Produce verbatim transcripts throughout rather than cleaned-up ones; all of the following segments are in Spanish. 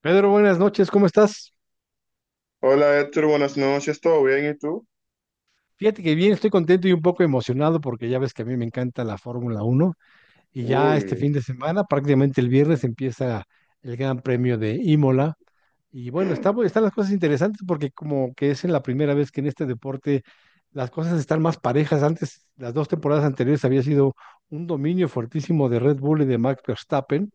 Pedro, buenas noches, ¿cómo estás? Hola Héctor, buenas noches, ¿todo bien? ¿Y tú? Fíjate que bien, estoy contento y un poco emocionado porque ya ves que a mí me encanta la Fórmula Uno y ya este Uy. fin de semana, prácticamente el viernes, empieza el Gran Premio de Imola. Y bueno, está, bu- están las cosas interesantes porque como que es en la primera vez que en este deporte las cosas están más parejas. Antes, las dos temporadas anteriores había sido un dominio fuertísimo de Red Bull y de Max Verstappen.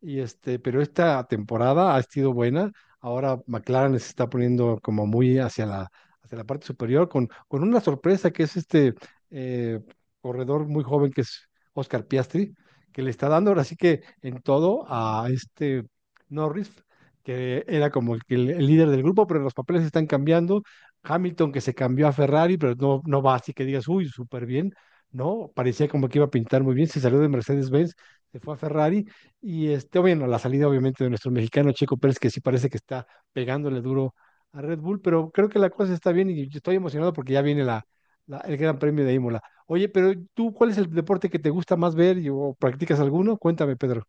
Y este, pero esta temporada ha sido buena. Ahora McLaren se está poniendo como muy hacia la, hacia la parte superior con, con una sorpresa que es este eh, corredor muy joven que es Oscar Piastri, que le está dando ahora sí que en todo a este Norris, que era como el, el- el líder del grupo, pero los papeles están cambiando. Hamilton que se cambió a Ferrari, pero no, no va así que digas, uy, súper bien. No, parecía como que iba a pintar muy bien, se salió de Mercedes-Benz, se fue a Ferrari y este, bueno, la salida obviamente de nuestro mexicano Checo Pérez, que sí parece que está pegándole duro a Red Bull, pero creo que la cosa está bien y yo estoy emocionado porque ya viene la, la- el Gran Premio de Imola. Oye, pero tú, ¿cuál es el deporte que te gusta más ver y- o practicas alguno? Cuéntame, Pedro.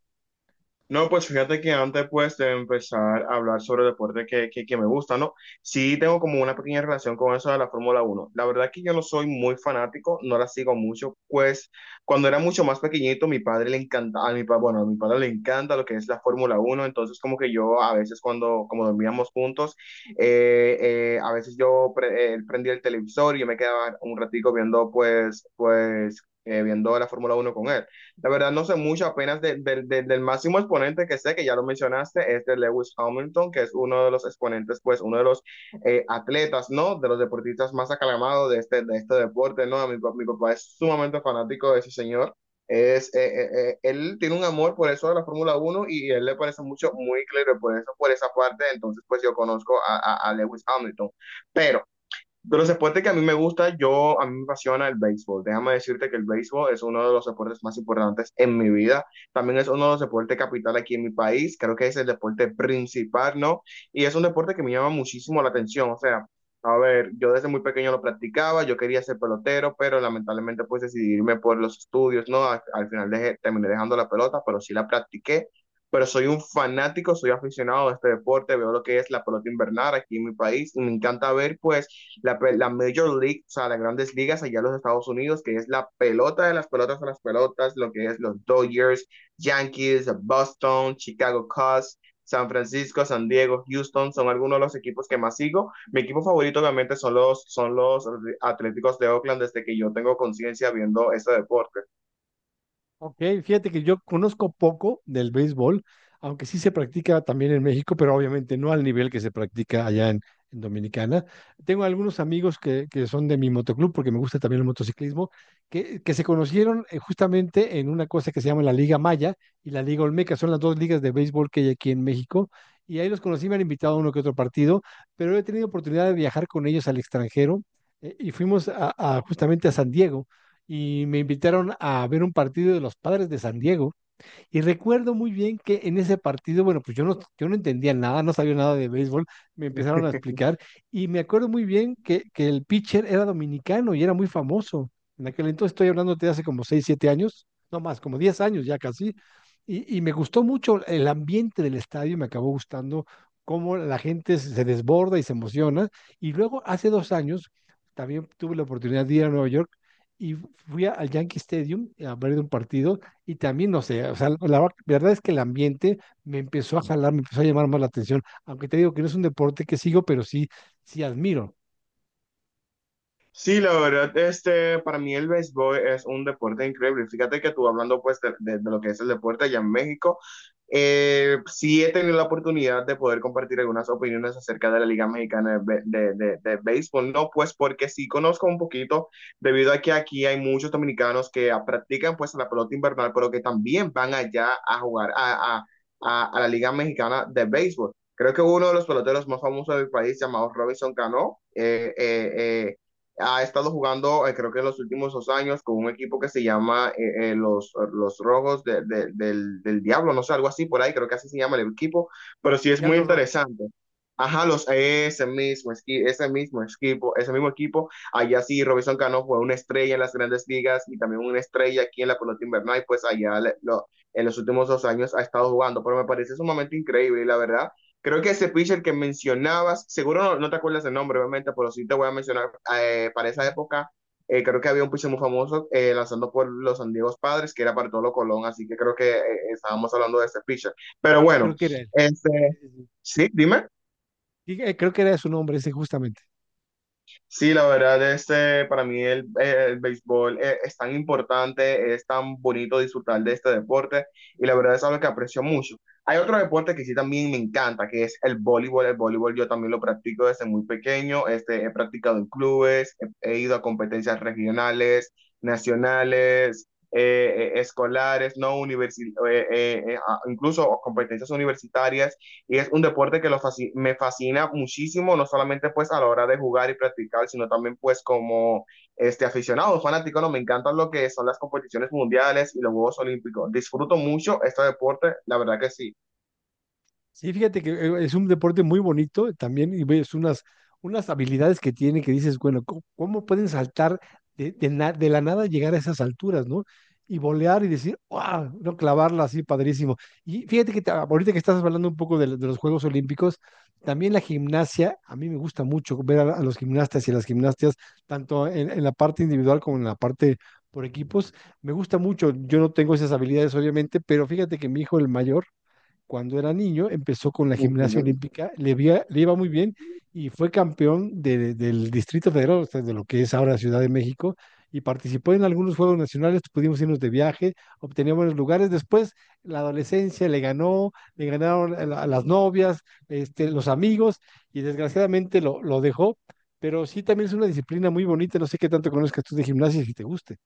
No, pues fíjate que antes pues de empezar a hablar sobre el deporte que, que, que me gusta, ¿no? Sí tengo como una pequeña relación con eso de la Fórmula Uno. La verdad que yo no soy muy fanático, no la sigo mucho, pues cuando era mucho más pequeñito mi padre le encanta, a mi, pa- bueno, a mi padre le encanta lo que es la Fórmula Uno, entonces como que yo a veces cuando como dormíamos juntos, eh, eh, a veces yo pre- eh, prendía el televisor y yo me quedaba un ratico viendo pues, pues, eh, viendo la Fórmula Uno con él. La verdad no sé mucho apenas de- de- de- del máximo exponente que sé, que ya lo mencionaste, es de Lewis Hamilton, que es uno de los exponentes, pues uno de los eh, atletas, ¿no? De los deportistas más aclamados de este, de este deporte, ¿no? A Mi, pa- mi papá es sumamente fanático de ese señor. Es, eh, eh, eh, él tiene un amor por eso de la Fórmula Uno y él le parece mucho, muy claro por eso, por esa parte, entonces pues yo conozco a, a a Lewis Hamilton. Pero. De los deportes que a mí me gusta, yo, a mí me apasiona el béisbol. Déjame decirte que el béisbol es uno de los deportes más importantes en mi vida. También es uno de los deportes capital aquí en mi país. Creo que es el deporte principal, ¿no? Y es un deporte que me llama muchísimo la atención. O sea, a ver, yo desde muy pequeño lo practicaba, yo quería ser pelotero, pero lamentablemente pues decidí irme por los estudios, ¿no? Al, al final dejé- terminé dejando la pelota, pero sí la practiqué. Pero soy un fanático, soy aficionado a este deporte, veo lo que es la pelota invernal aquí en mi país y me encanta ver pues la, la Major League, o sea, las grandes ligas allá en los Estados Unidos, que es la pelota de las pelotas a las pelotas, lo que es los Dodgers, Yankees, Boston, Chicago Cubs, San Francisco, San Diego, Houston, son algunos de los equipos que más sigo. Mi equipo favorito obviamente son los, son los Atléticos de Oakland desde que yo tengo conciencia viendo ese deporte. Ok, fíjate que yo conozco poco del béisbol, aunque sí se practica también en México, pero obviamente no al nivel que se practica allá en, en Dominicana. Tengo algunos amigos que, que son de mi motoclub, porque me gusta también el motociclismo, que, que se conocieron eh, justamente en una cosa que se llama la Liga Maya y la Liga Olmeca. Son las dos ligas de béisbol que hay aquí en México. Y ahí los conocí, me han invitado a uno que otro partido, pero he tenido oportunidad de viajar con ellos al extranjero eh, y fuimos a, a- justamente a San Diego y me invitaron a ver un partido de los Padres de San Diego y recuerdo muy bien que en ese partido, bueno, pues yo no, yo no entendía nada, no sabía nada de béisbol, me empezaron a explicar y me acuerdo muy bien que, que el pitcher era dominicano y era muy famoso. En aquel entonces estoy hablando de hace como seis siete años, no más, como diez años ya casi. Y, y me gustó mucho el ambiente del estadio, me acabó gustando cómo la gente se se desborda y se emociona. Y luego hace dos años también tuve la oportunidad de ir a Nueva York y fui a- al Yankee Stadium a ver un partido y también, no sé, o sea, la va- verdad es que el ambiente me empezó a jalar, me empezó a llamar más la atención, aunque te digo que no es un deporte que sigo, pero sí, sí admiro. Sí, la verdad, este, para mí el béisbol es un deporte increíble. Fíjate que tú hablando pues de, de- de lo que es el deporte allá en México, eh, sí he tenido la oportunidad de poder compartir algunas opiniones acerca de la Liga Mexicana de, Bé- de- de- de Béisbol, no pues porque sí conozco un poquito, debido a que aquí hay muchos dominicanos que ah, practican pues la pelota invernal, pero que también van allá a jugar a, a a- a la Liga Mexicana de Béisbol. Creo que uno de los peloteros más famosos del país, llamado Robinson Cano, eh, eh, eh, ha estado jugando, eh, creo que en los últimos dos años, con un equipo que se llama eh, eh, los, los Rojos de- de- del, del Diablo, no sé, algo así por ahí, creo que así se llama el equipo, pero sí es muy Diablo Rojo, interesante. Ajá, los, ese mismo, esqui- ese mismo equipo, ese mismo equipo, allá sí Robinson Cano fue una estrella en las grandes ligas y también una estrella aquí en la pelota invernal, y pues allá le- lo- en los últimos dos años ha estado jugando, pero me parece sumamente increíble y la verdad. Creo que ese pitcher que mencionabas, seguro no, no te acuerdas el nombre, obviamente, pero sí te voy a mencionar, eh, para esa época, eh, creo que había un pitcher muy famoso eh, lanzando por los San Diego Padres, que era Bartolo Colón, así que creo que eh, estábamos hablando de ese pitcher. Pero y bueno, creo que era él. este, Sí, sí, sí. sí, dime. Y, eh, creo que era su nombre ese justamente. Sí, la verdad, este, para mí el, eh, el béisbol eh, es tan importante, es tan bonito disfrutar de este deporte y la verdad es algo que aprecio mucho. Hay otro deporte que sí también me encanta, que es el voleibol. El voleibol yo también lo practico desde muy pequeño, este, he practicado en clubes, he, he ido a competencias regionales, nacionales, eh, eh, escolares, no universi- eh, eh, eh, a- incluso competencias universitarias, y es un deporte que lo fasc- me fascina muchísimo, no solamente pues a la hora de jugar y practicar, sino también pues como este aficionado, fanático, no, me encantan lo que son las competiciones mundiales y los Juegos Olímpicos. Disfruto mucho este deporte, la verdad que sí. Sí, fíjate que eh, es un deporte muy bonito también y ves unas, unas habilidades que tiene que dices, bueno, ¿cómo, cómo pueden saltar de, de na- de la nada llegar a esas alturas, ¿no? Y volear y decir, ¡wow! No clavarla así, padrísimo. Y fíjate que te- ahorita que estás hablando un poco de, lo- de los Juegos Olímpicos, también la gimnasia, a mí me gusta mucho ver a, a los gimnastas y a las gimnastas, tanto en, en la parte individual como en la parte por equipos. Me gusta mucho, yo no tengo esas habilidades, obviamente, pero fíjate que mi hijo, el mayor, cuando era niño, empezó con la gimnasia olímpica, le, vía- le iba muy bien y fue campeón de- del Distrito Federal, o sea, de lo que es ahora Ciudad de México, y participó en algunos Juegos Nacionales, pudimos irnos de viaje, obtenía buenos lugares. Después, la adolescencia le ganó, le ganaron a la- a las novias, este, los amigos, y desgraciadamente lo, lo dejó, pero sí también es una disciplina muy bonita, no sé qué tanto conozcas tú de gimnasia y si te guste.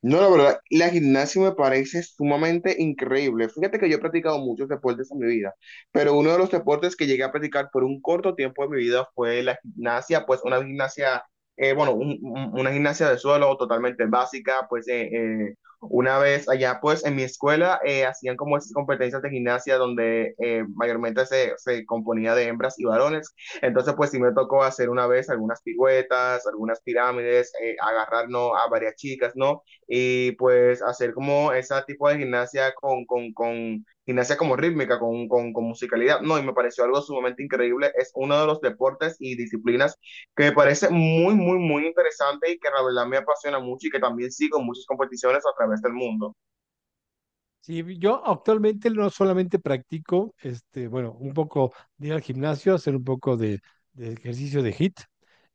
No, la verdad, la gimnasia me parece sumamente increíble. Fíjate que yo he practicado muchos deportes en mi vida, pero uno de los deportes que llegué a practicar por un corto tiempo de mi vida fue la gimnasia, pues una gimnasia, eh, bueno, un- un- una gimnasia de suelo totalmente básica, pues eh, eh, una vez allá, pues en mi escuela eh, hacían como esas competencias de gimnasia donde eh, mayormente se, se componía de hembras y varones. Entonces, pues sí me tocó hacer una vez algunas piruetas, algunas pirámides, eh, agarrar, ¿no? a varias chicas, ¿no? Y pues hacer como ese tipo de gimnasia con, con, con gimnasia como rítmica, con, con, con musicalidad. No, y me pareció algo sumamente increíble. Es uno de los deportes y disciplinas que me parece muy, muy, muy interesante y que la verdad me apasiona mucho y que también sigo muchas competiciones a través del mundo. Sí, yo actualmente no solamente practico, este, bueno, un poco de ir al gimnasio, hacer un poco de, de ejercicio de hit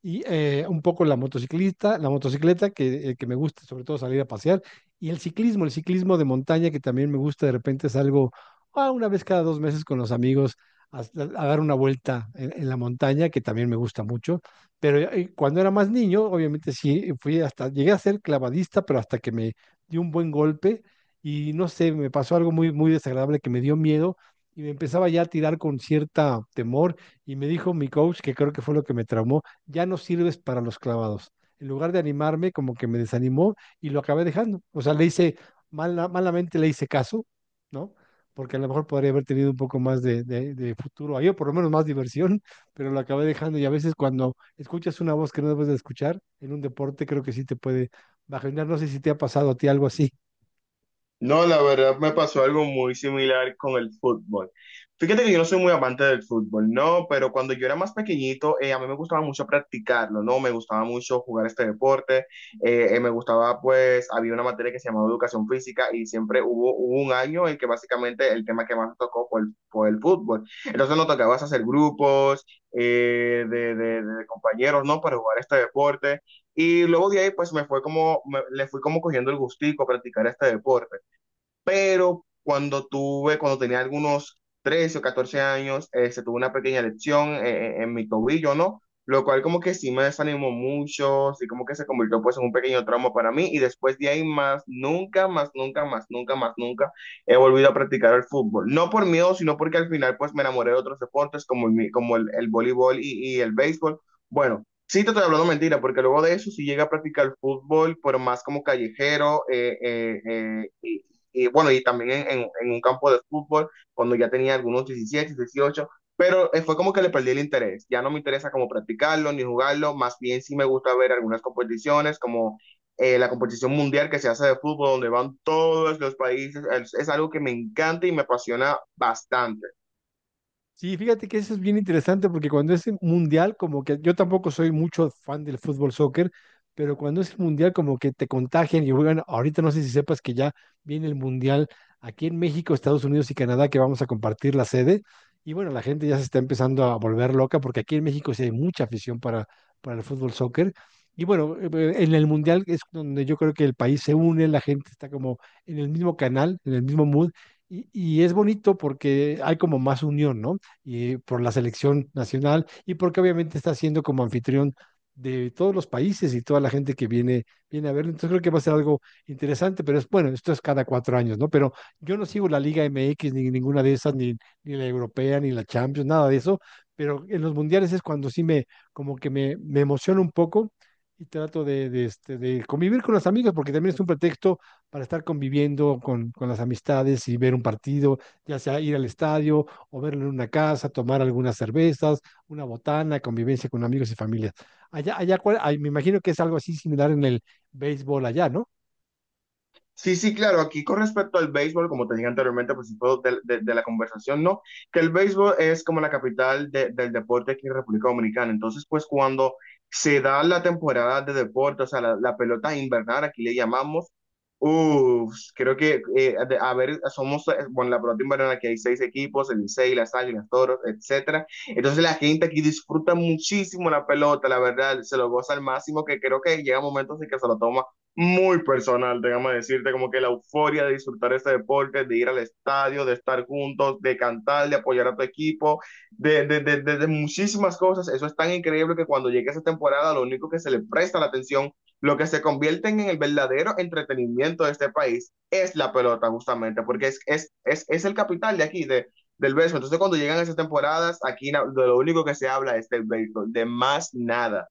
y eh, un poco la motociclista, la motocicleta que, eh, que me gusta, sobre todo salir a pasear, y el ciclismo, el ciclismo de montaña que también me gusta, de repente salgo ah, una vez cada dos meses con los amigos a, a dar una vuelta en, en la montaña, que también me gusta mucho, pero eh, cuando era más niño, obviamente sí, fui hasta, llegué a ser clavadista, pero hasta que me dio un buen golpe y no sé, me pasó algo muy, muy desagradable que me dio miedo y me empezaba ya a tirar con cierta temor y me dijo mi coach, que creo que fue lo que me traumó, ya no sirves para los clavados. En lugar de animarme, como que me desanimó y lo acabé dejando. O sea, le hice, mala- malamente le hice caso, ¿no? Porque a lo mejor podría haber tenido un poco más de, de, de futuro ahí, o por lo menos más diversión, pero lo acabé dejando. Y a veces cuando escuchas una voz que no debes de escuchar en un deporte, creo que sí te puede bajar. No sé si te ha pasado a ti algo así. No, la verdad me pasó algo muy similar con el fútbol. Fíjate que yo no soy muy amante del fútbol, no, pero cuando yo era más pequeñito, eh, a mí me gustaba mucho practicarlo, ¿no? Me gustaba mucho jugar este deporte, eh, eh, me gustaba, pues, había una materia que se llamaba educación física y siempre hubo, hubo un año en que básicamente el tema que más nos tocó fue el, fue el fútbol. Entonces nos tocaba hacer grupos eh, de, de de compañeros, ¿no? Para jugar este deporte. Y luego de ahí, pues, me fue como, me- le fui como cogiendo el gustico a practicar este deporte, pero cuando tuve, cuando tenía algunos trece o catorce años, eh, se tuvo una pequeña lesión, eh, eh, en mi tobillo, ¿no? Lo cual como que sí me desanimó mucho, sí como que se convirtió pues en un pequeño trauma para mí, y después de ahí más, nunca, más, nunca, más, nunca, más, nunca he volvido a practicar el fútbol. No por miedo, sino porque al final pues me enamoré de otros deportes como el, mi- como el, el voleibol y, y el béisbol. Bueno, sí, te estoy hablando mentira, porque luego de eso sí llegué a practicar fútbol, pero más como callejero, eh, eh, eh, y, y bueno, y también en, en, en, un campo de fútbol, cuando ya tenía algunos diecisiete dieciocho, pero eh, fue como que le perdí el interés, ya no me interesa como practicarlo ni jugarlo, más bien sí me gusta ver algunas competiciones como eh, la competición mundial que se hace de fútbol, donde van todos los países, es, es algo que me encanta y me apasiona bastante. Sí, fíjate que eso es bien interesante porque cuando es el mundial, como que yo tampoco soy mucho fan del fútbol soccer, pero cuando es el mundial, como que te contagian y juegan. Ahorita no sé si sepas que ya viene el mundial aquí en México, Estados Unidos y Canadá, que vamos a compartir la sede. Y bueno, la gente ya se está empezando a volver loca porque aquí en México sí hay mucha afición para, para el fútbol soccer. Y bueno, eh, eh, en el mundial es donde yo creo que el país se une, la gente está como en el mismo canal, en el mismo mood. Y, y es bonito porque hay como más unión, ¿no? Y por la selección nacional y porque obviamente está siendo como anfitrión de todos los países y toda la gente que viene, viene a verlo. Entonces creo que va a ser algo interesante, pero es bueno, esto es cada cuatro años, ¿no? Pero yo no sigo la Liga M X ni ninguna de esas, ni, ni la europea, ni la Champions, nada de eso, pero en los mundiales es cuando sí me, como que me, me emociona un poco y trato de, de, este, de convivir con los amigos porque también es un pretexto para estar conviviendo con, con las amistades y ver un partido, ya sea ir al estadio o verlo en una casa, tomar algunas cervezas, una botana, convivencia con amigos y familias. Allá, allá, ¿cuál- ay, me imagino que es algo así similar en el béisbol allá, ¿no? Sí, sí, claro, aquí con respecto al béisbol, como te dije anteriormente, pues de, de, de la conversación, ¿no? Que el béisbol es como la capital de- del deporte aquí en República Dominicana. Entonces, pues cuando se da la temporada de deporte, o sea, la, la pelota invernal, aquí le llamamos, uff, creo que, eh, de- a ver, somos, eh, bueno, la pelota invernal, aquí hay seis equipos, el Licey, las Águilas, Toros, etcétera. Entonces, la gente aquí disfruta muchísimo la pelota, la verdad, se lo goza al máximo, que creo que llega momentos en que se lo toma muy personal, déjame decirte, como que la euforia de disfrutar este deporte, de ir al estadio, de estar juntos, de cantar, de apoyar a tu equipo, de, de, de, de- de muchísimas cosas. Eso es tan increíble que cuando llegue esa temporada, lo único que se le presta la atención, lo que se convierte en el verdadero entretenimiento de este país, es la pelota, justamente, porque es, es, es, es el capital de aquí, de, del béisbol. Entonces, cuando llegan esas temporadas, aquí na- de lo único que se habla es del béisbol, de más nada.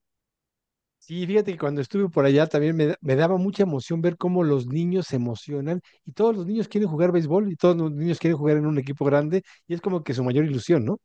Sí, fíjate que cuando estuve por allá también me, da- me daba mucha emoción ver cómo los niños se emocionan y todos los niños quieren jugar béisbol y todos los niños quieren jugar en un equipo grande y es como que su mayor ilusión, ¿no?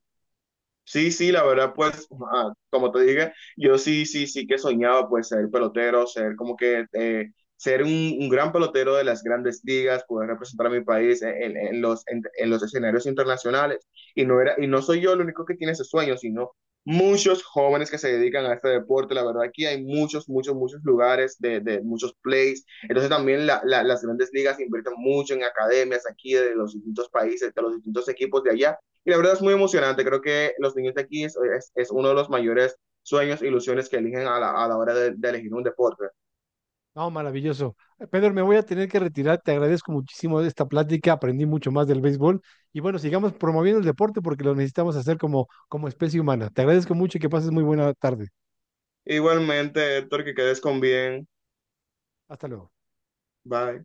Sí, sí, la verdad, pues, ah, como te dije, yo sí, sí, sí que soñaba, pues, ser pelotero, ser como que, eh, ser un, un gran pelotero de las grandes ligas, poder representar a mi país en, en- en los, en, en los escenarios internacionales. Y no era, y no soy yo el único que tiene ese sueño, sino muchos jóvenes que se dedican a este deporte. La verdad, aquí hay muchos, muchos, muchos lugares de, de muchos plays. Entonces, también la- la- las grandes ligas invierten mucho en academias aquí de los distintos países, de los distintos equipos de allá, y la verdad es muy emocionante. Creo que los niños de aquí es, es, es uno de los mayores sueños, ilusiones que eligen a la, a la hora de, de elegir un deporte. No, maravilloso. Eh, Pedro, me voy a tener que retirar. Te agradezco muchísimo esta plática. Aprendí mucho más del béisbol. Y bueno, sigamos promoviendo el deporte porque lo necesitamos hacer como, como especie humana. Te agradezco mucho y que pases muy buena tarde. Igualmente, Héctor, que quedes con bien. Hasta luego. Bye.